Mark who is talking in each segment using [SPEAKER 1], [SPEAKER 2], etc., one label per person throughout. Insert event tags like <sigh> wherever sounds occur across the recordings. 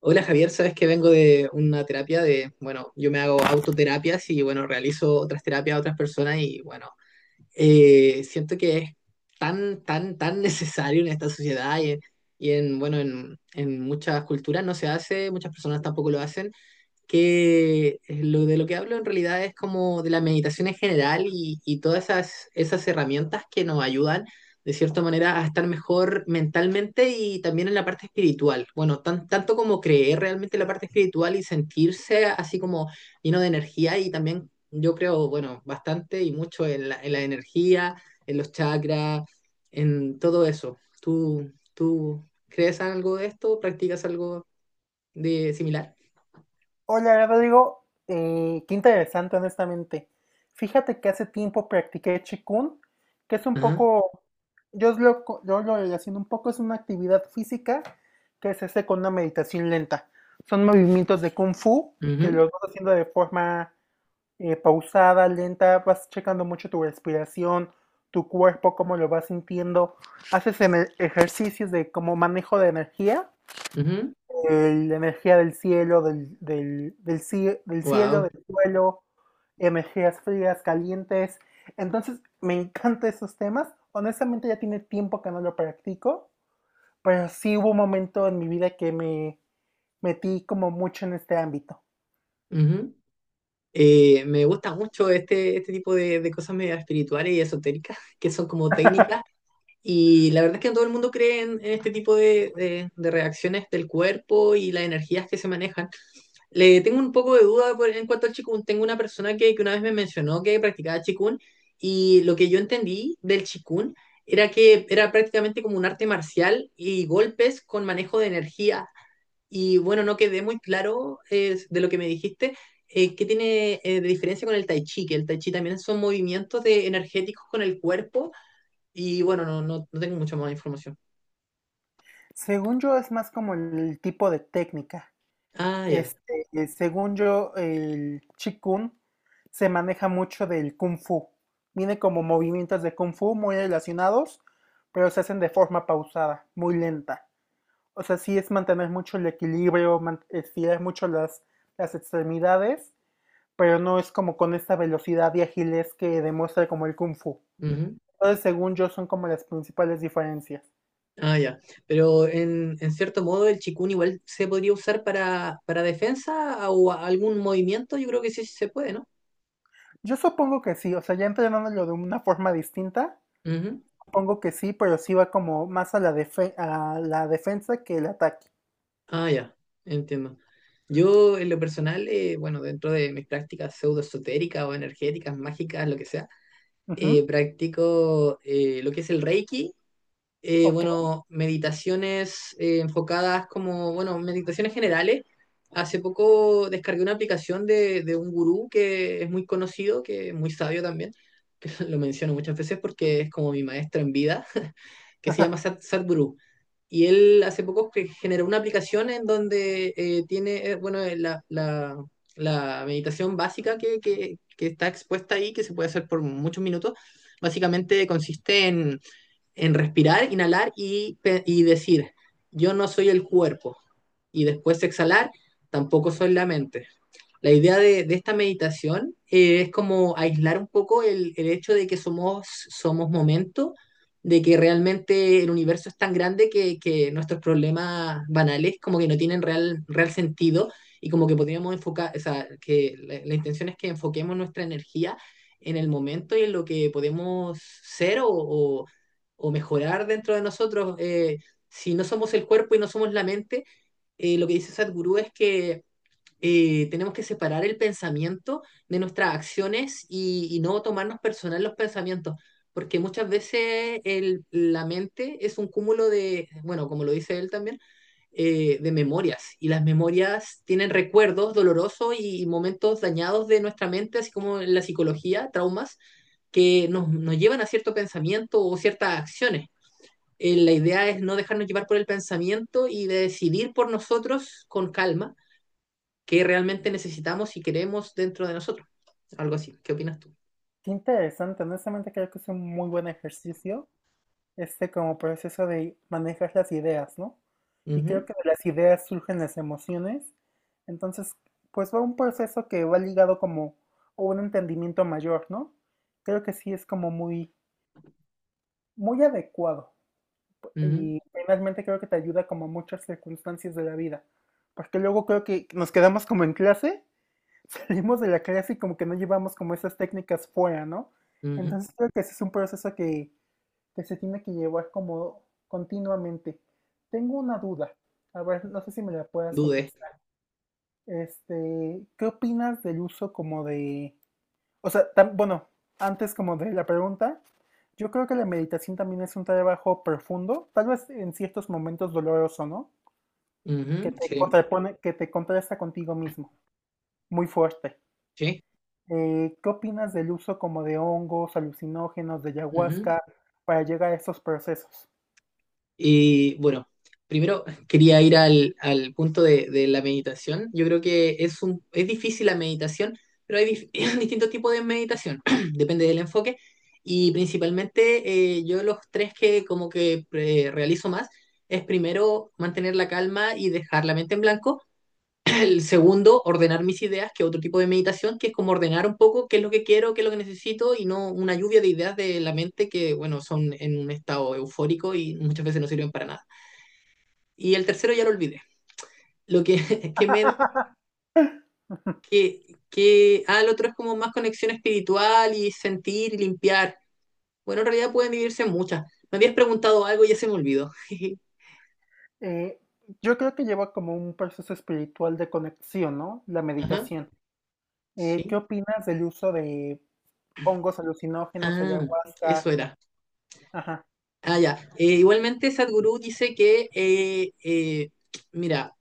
[SPEAKER 1] Hola Javier, sabes que vengo de una terapia de, bueno, yo me hago autoterapias y bueno, realizo otras terapias a otras personas y bueno, siento que es tan, tan, tan <laughs> necesario en esta sociedad y en, bueno, en muchas culturas no se hace, muchas personas tampoco lo hacen que lo, de lo que hablo en realidad es como de la meditación en general y todas esas, esas herramientas que nos ayudan de cierta manera a estar mejor mentalmente y también en la parte espiritual. Bueno, tan, tanto como creer realmente en la parte espiritual y sentirse así como lleno de energía y también yo creo, bueno, bastante y mucho en la energía, en los chakras, en todo eso. ¿Tú, tú crees algo de esto? ¿Practicas algo de similar?
[SPEAKER 2] Hola Rodrigo. Qué interesante honestamente. Fíjate que hace tiempo practiqué Qigong, que es un
[SPEAKER 1] Ajá.
[SPEAKER 2] poco, yo lo relaciono un poco, es una actividad física que se hace con una meditación lenta. Son movimientos de Kung Fu que
[SPEAKER 1] Ujú.
[SPEAKER 2] los vas haciendo de forma pausada, lenta, vas checando mucho tu respiración, tu cuerpo, cómo lo vas sintiendo, haces ejercicios de como manejo de energía la energía del cielo, del cielo,
[SPEAKER 1] Wow.
[SPEAKER 2] del suelo, energías frías, calientes. Entonces, me encantan esos temas. Honestamente, ya tiene tiempo que no lo practico, pero sí hubo un momento en mi vida que me metí como mucho en este ámbito.
[SPEAKER 1] Me gusta mucho este, este tipo de cosas medio espirituales y esotéricas, <laughs> que son como técnicas. Y la verdad es que no todo el mundo cree en este tipo de, de reacciones del cuerpo y las energías que se manejan. Le tengo un poco de duda por- en cuanto al Qigong. Tengo una persona que una vez me mencionó que practicaba Qigong y lo que yo entendí del Qigong era que era prácticamente como un arte marcial y golpes con manejo de energía. Y bueno, no quedé muy claro de lo que me dijiste. ¿ ¿Qué tiene de diferencia con el tai chi? Que el tai chi también son movimientos de energéticos con el cuerpo. Y bueno, no tengo mucha más información.
[SPEAKER 2] Según yo, es más como el tipo de técnica.
[SPEAKER 1] Ah, ya.
[SPEAKER 2] Según yo, el Chikun se maneja mucho del Kung Fu. Viene como movimientos de Kung Fu muy relacionados, pero se hacen de forma pausada, muy lenta. O sea, sí es mantener mucho el equilibrio, estirar mucho las extremidades, pero no es como con esta velocidad y agilez que demuestra como el Kung Fu.
[SPEAKER 1] Ujú.
[SPEAKER 2] Entonces, según yo, son como las principales diferencias.
[SPEAKER 1] Ah, ya. Pero en cierto modo el chikun igual se podría usar para defensa o a- algún movimiento. Yo creo que sí, sí se puede, ¿no?
[SPEAKER 2] Yo supongo que sí, o sea, ya entrenándolo de una forma distinta.
[SPEAKER 1] Ujú.
[SPEAKER 2] Supongo que sí, pero sí va como más a a la defensa que el ataque.
[SPEAKER 1] Ah, ya. Entiendo. Yo en lo personal, bueno, dentro de mis prácticas pseudoesotéricas o energéticas, mágicas, lo que sea,
[SPEAKER 2] Ujú.
[SPEAKER 1] practico lo que es el Reiki,
[SPEAKER 2] Ok,
[SPEAKER 1] bueno, meditaciones enfocadas como, bueno, meditaciones generales. Hace poco descargué una aplicación de un gurú que es muy conocido, que es muy sabio también, que <laughs> lo menciono muchas veces porque es como mi maestro en vida, <laughs> que se llama Sat, Sadhguru. Y él hace poco cre- generó una aplicación en donde tiene, bueno, la, la- la meditación básica que está expuesta ahí, que se puede hacer por muchos minutos, básicamente consiste en respirar, inhalar y decir, yo no soy el cuerpo. Y después exhalar, tampoco soy la mente. La idea de esta meditación es como aislar un poco el, hecho de que somos, somos momento, de que realmente el universo es tan grande que nuestros problemas banales como que no tienen real, real sentido y como que podríamos enfocar, o sea, que la, intención es que enfoquemos nuestra energía en el momento y en lo que podemos ser o, o mejorar dentro de nosotros. Si no somos el cuerpo y no somos la mente, lo que dice Sadhguru es que tenemos que separar el pensamiento de nuestras acciones y no tomarnos personal los pensamientos, porque muchas veces el- la mente es un cúmulo de, bueno, como lo dice él también, de memorias, y las memorias tienen recuerdos dolorosos y momentos dañados de nuestra mente, así como en la psicología, traumas, que nos, nos llevan a cierto pensamiento o ciertas acciones. Eh, La idea es no dejarnos llevar por el pensamiento y de decidir por nosotros con calma qué realmente necesitamos y queremos dentro de nosotros. Algo así. ¿Qué opinas tú?
[SPEAKER 2] qué interesante. Honestamente creo que es un muy buen ejercicio, este como proceso de manejar las ideas, ¿no? Y creo
[SPEAKER 1] Ujú,
[SPEAKER 2] que de las ideas surgen las emociones. Entonces, pues va un proceso que va ligado como a un entendimiento mayor, ¿no? Creo que sí es como muy, muy adecuado.
[SPEAKER 1] ujú,
[SPEAKER 2] Y finalmente creo que te ayuda como a muchas circunstancias de la vida. Porque luego creo que nos quedamos como en clase, salimos de la clase y como que no llevamos como esas técnicas fuera, ¿no?
[SPEAKER 1] ujú.
[SPEAKER 2] Entonces creo que ese es un proceso que se tiene que llevar como continuamente. Tengo una duda, a ver, no sé si me la puedas
[SPEAKER 1] Dudé.
[SPEAKER 2] contestar. ¿Qué opinas del uso como de, o sea, bueno, antes como de la pregunta, yo creo que la meditación también es un trabajo profundo, tal vez en ciertos momentos doloroso, ¿no? Que
[SPEAKER 1] Ujú,
[SPEAKER 2] te
[SPEAKER 1] sí,
[SPEAKER 2] contrapone, que te contrasta contigo mismo, muy fuerte.
[SPEAKER 1] sí.
[SPEAKER 2] ¿Qué opinas del uso como de hongos, alucinógenos, de
[SPEAKER 1] Ujú.
[SPEAKER 2] ayahuasca para llegar a esos procesos?
[SPEAKER 1] Y bueno, primero quería ir al, al punto de la meditación. Yo creo que es un, es difícil la meditación, pero hay dif- <laughs> <clears throat> distintos tipos de meditación, <clears throat> depende del enfoque. Y principalmente yo los tres que como que realizo más es primero mantener la calma y dejar la mente en blanco. El segundo, ordenar mis ideas, que es otro tipo de meditación, que es como ordenar un poco qué es lo que quiero, qué es lo que necesito y no una lluvia de ideas de la mente que, bueno, son en un estado eufórico y muchas veces no sirven para nada. Y el tercero ya lo olvidé. Lo que, <laughs> que me... Que, que, ah, el otro es como más conexión espiritual y sentir y limpiar. Bueno, en realidad pueden vivirse muchas. Me habías preguntado algo y ya se me olvidó. <laughs>
[SPEAKER 2] Eh, yo creo que lleva como un proceso espiritual de conexión, ¿no? La
[SPEAKER 1] Ajá,
[SPEAKER 2] meditación. ¿Qué
[SPEAKER 1] sí.
[SPEAKER 2] opinas del uso de hongos, alucinógenos,
[SPEAKER 1] Ah, eso
[SPEAKER 2] ayahuasca?
[SPEAKER 1] era.
[SPEAKER 2] Ajá.
[SPEAKER 1] Ah, ya. Igualmente, Sadhguru dice que, mira,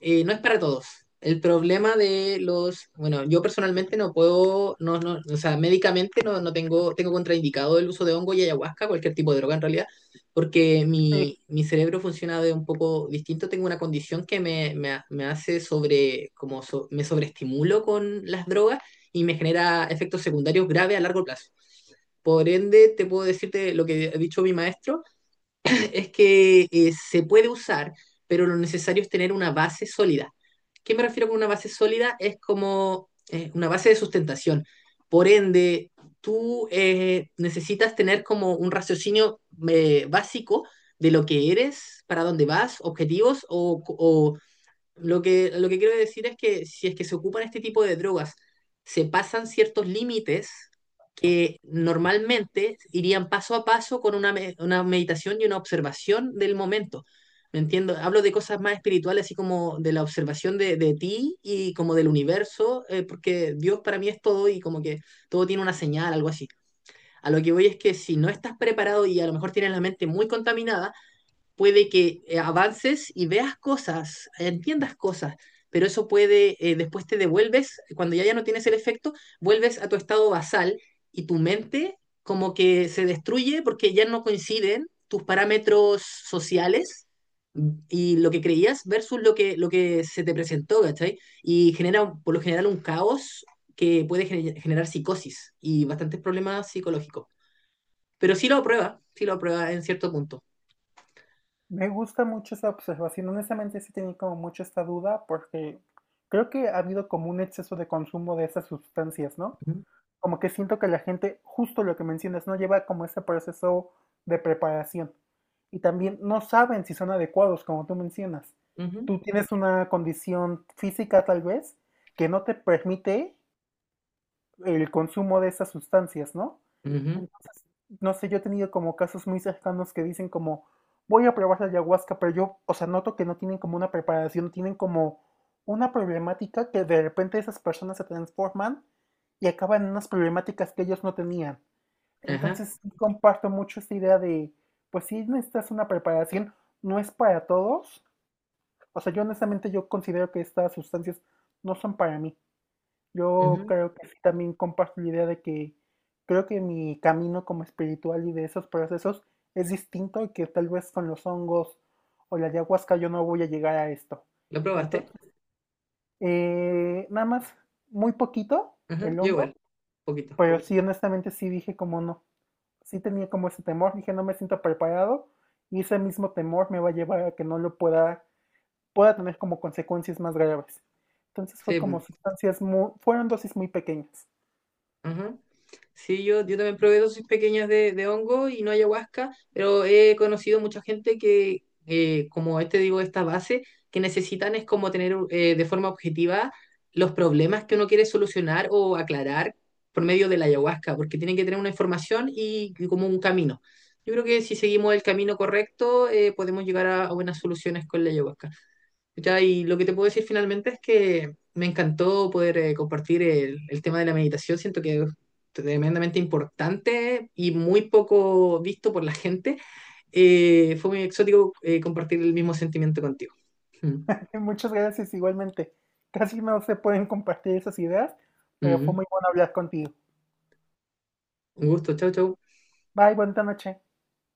[SPEAKER 1] no es para todos. El problema de los, bueno, yo personalmente no puedo, o sea, médicamente no, tengo contraindicado el uso de hongo y ayahuasca, cualquier tipo de droga en realidad, porque
[SPEAKER 2] Sí,
[SPEAKER 1] mi cerebro funciona de un poco distinto. Tengo una condición que me hace sobre, como so- me sobreestimulo con las drogas y me genera efectos secundarios graves a largo plazo. Por ende, te puedo decirte lo que ha dicho mi maestro es que se puede usar, pero lo necesario es tener una base sólida. ¿Qué me refiero con una base sólida? Es como una base de sustentación. Por ende, tú necesitas tener como un raciocinio básico de lo que eres, para dónde vas, objetivos o lo que quiero decir es que si es que se ocupan este tipo de drogas, se pasan ciertos límites que normalmente irían paso a paso con una, me- una meditación y una observación del momento. ¿Me entiendo? Hablo de cosas más espirituales, así como de la observación de ti y como del universo, porque Dios para mí es todo y como que todo tiene una señal, algo así. A lo que voy es que si no estás preparado y a lo mejor tienes la mente muy contaminada, puede que avances y veas cosas, entiendas cosas, pero eso puede, después te devuelves, cuando ya, ya no tienes el efecto, vuelves a tu estado basal y tu mente como que se destruye porque ya no coinciden tus parámetros sociales y lo que creías versus lo que se te presentó, ¿cachai? Y genera un- por lo general un caos que puede gener- generar psicosis y bastantes problemas psicológicos. Pero sí lo aprueba en cierto punto.
[SPEAKER 2] me gusta mucho esa observación. Honestamente, sí tenía como mucho esta duda porque creo que ha habido como un exceso de consumo de esas sustancias, ¿no?
[SPEAKER 1] Ujú,
[SPEAKER 2] Como que siento que la gente, justo lo que mencionas, no lleva como ese proceso de preparación. Y también no saben si son adecuados, como tú mencionas.
[SPEAKER 1] ujú,
[SPEAKER 2] Tú tienes una condición física tal vez que no te permite el consumo de esas sustancias, ¿no?
[SPEAKER 1] ujú.
[SPEAKER 2] Entonces, no sé, yo he tenido como casos muy cercanos que dicen como, voy a probar la ayahuasca, pero yo, o sea, noto que no tienen como una preparación, tienen como una problemática que de repente esas personas se transforman y acaban en unas problemáticas que ellos no tenían.
[SPEAKER 1] Ajá,
[SPEAKER 2] Entonces, sí comparto mucho esta idea de, pues sí necesitas una preparación, no es para todos. O sea, yo honestamente yo considero que estas sustancias no son para mí. Yo
[SPEAKER 1] ujú.
[SPEAKER 2] creo que sí, también comparto la idea de que creo que mi camino como espiritual y de esos procesos es distinto y que tal vez con los hongos o la ayahuasca yo no voy a llegar a esto.
[SPEAKER 1] ¿Lo probaste?
[SPEAKER 2] Entonces, nada más, muy poquito
[SPEAKER 1] Ajá,
[SPEAKER 2] el
[SPEAKER 1] yo
[SPEAKER 2] hongo,
[SPEAKER 1] igual, poquito.
[SPEAKER 2] pero sí, honestamente sí dije como no. Sí tenía como ese temor, dije no me siento preparado y ese mismo temor me va a llevar a que no lo pueda tener como consecuencias más graves. Entonces fue
[SPEAKER 1] Sí,
[SPEAKER 2] como
[SPEAKER 1] po.
[SPEAKER 2] sustancias muy, fueron dosis muy pequeñas.
[SPEAKER 1] Ajá. Sí, yo también probé dosis pequeñas de hongo y no ayahuasca, pero he conocido mucha gente que, como este digo, esta base, que necesitan es como tener de forma objetiva los problemas que uno quiere solucionar o aclarar por medio de la ayahuasca, porque tienen que tener una información y como un camino. Yo creo que si seguimos el camino correcto, podemos llegar a buenas soluciones con la ayahuasca. Ya, y lo que te puedo decir finalmente es que me encantó poder compartir el tema de la meditación. Siento que es tremendamente importante y muy poco visto por la gente. Fue muy exótico compartir el mismo sentimiento contigo. Mm,
[SPEAKER 2] <laughs> Muchas gracias igualmente. Casi no se pueden compartir esas ideas, pero fue
[SPEAKER 1] ujú.
[SPEAKER 2] muy bueno hablar contigo.
[SPEAKER 1] Un gusto, chao, chao.
[SPEAKER 2] Bye, buena noche.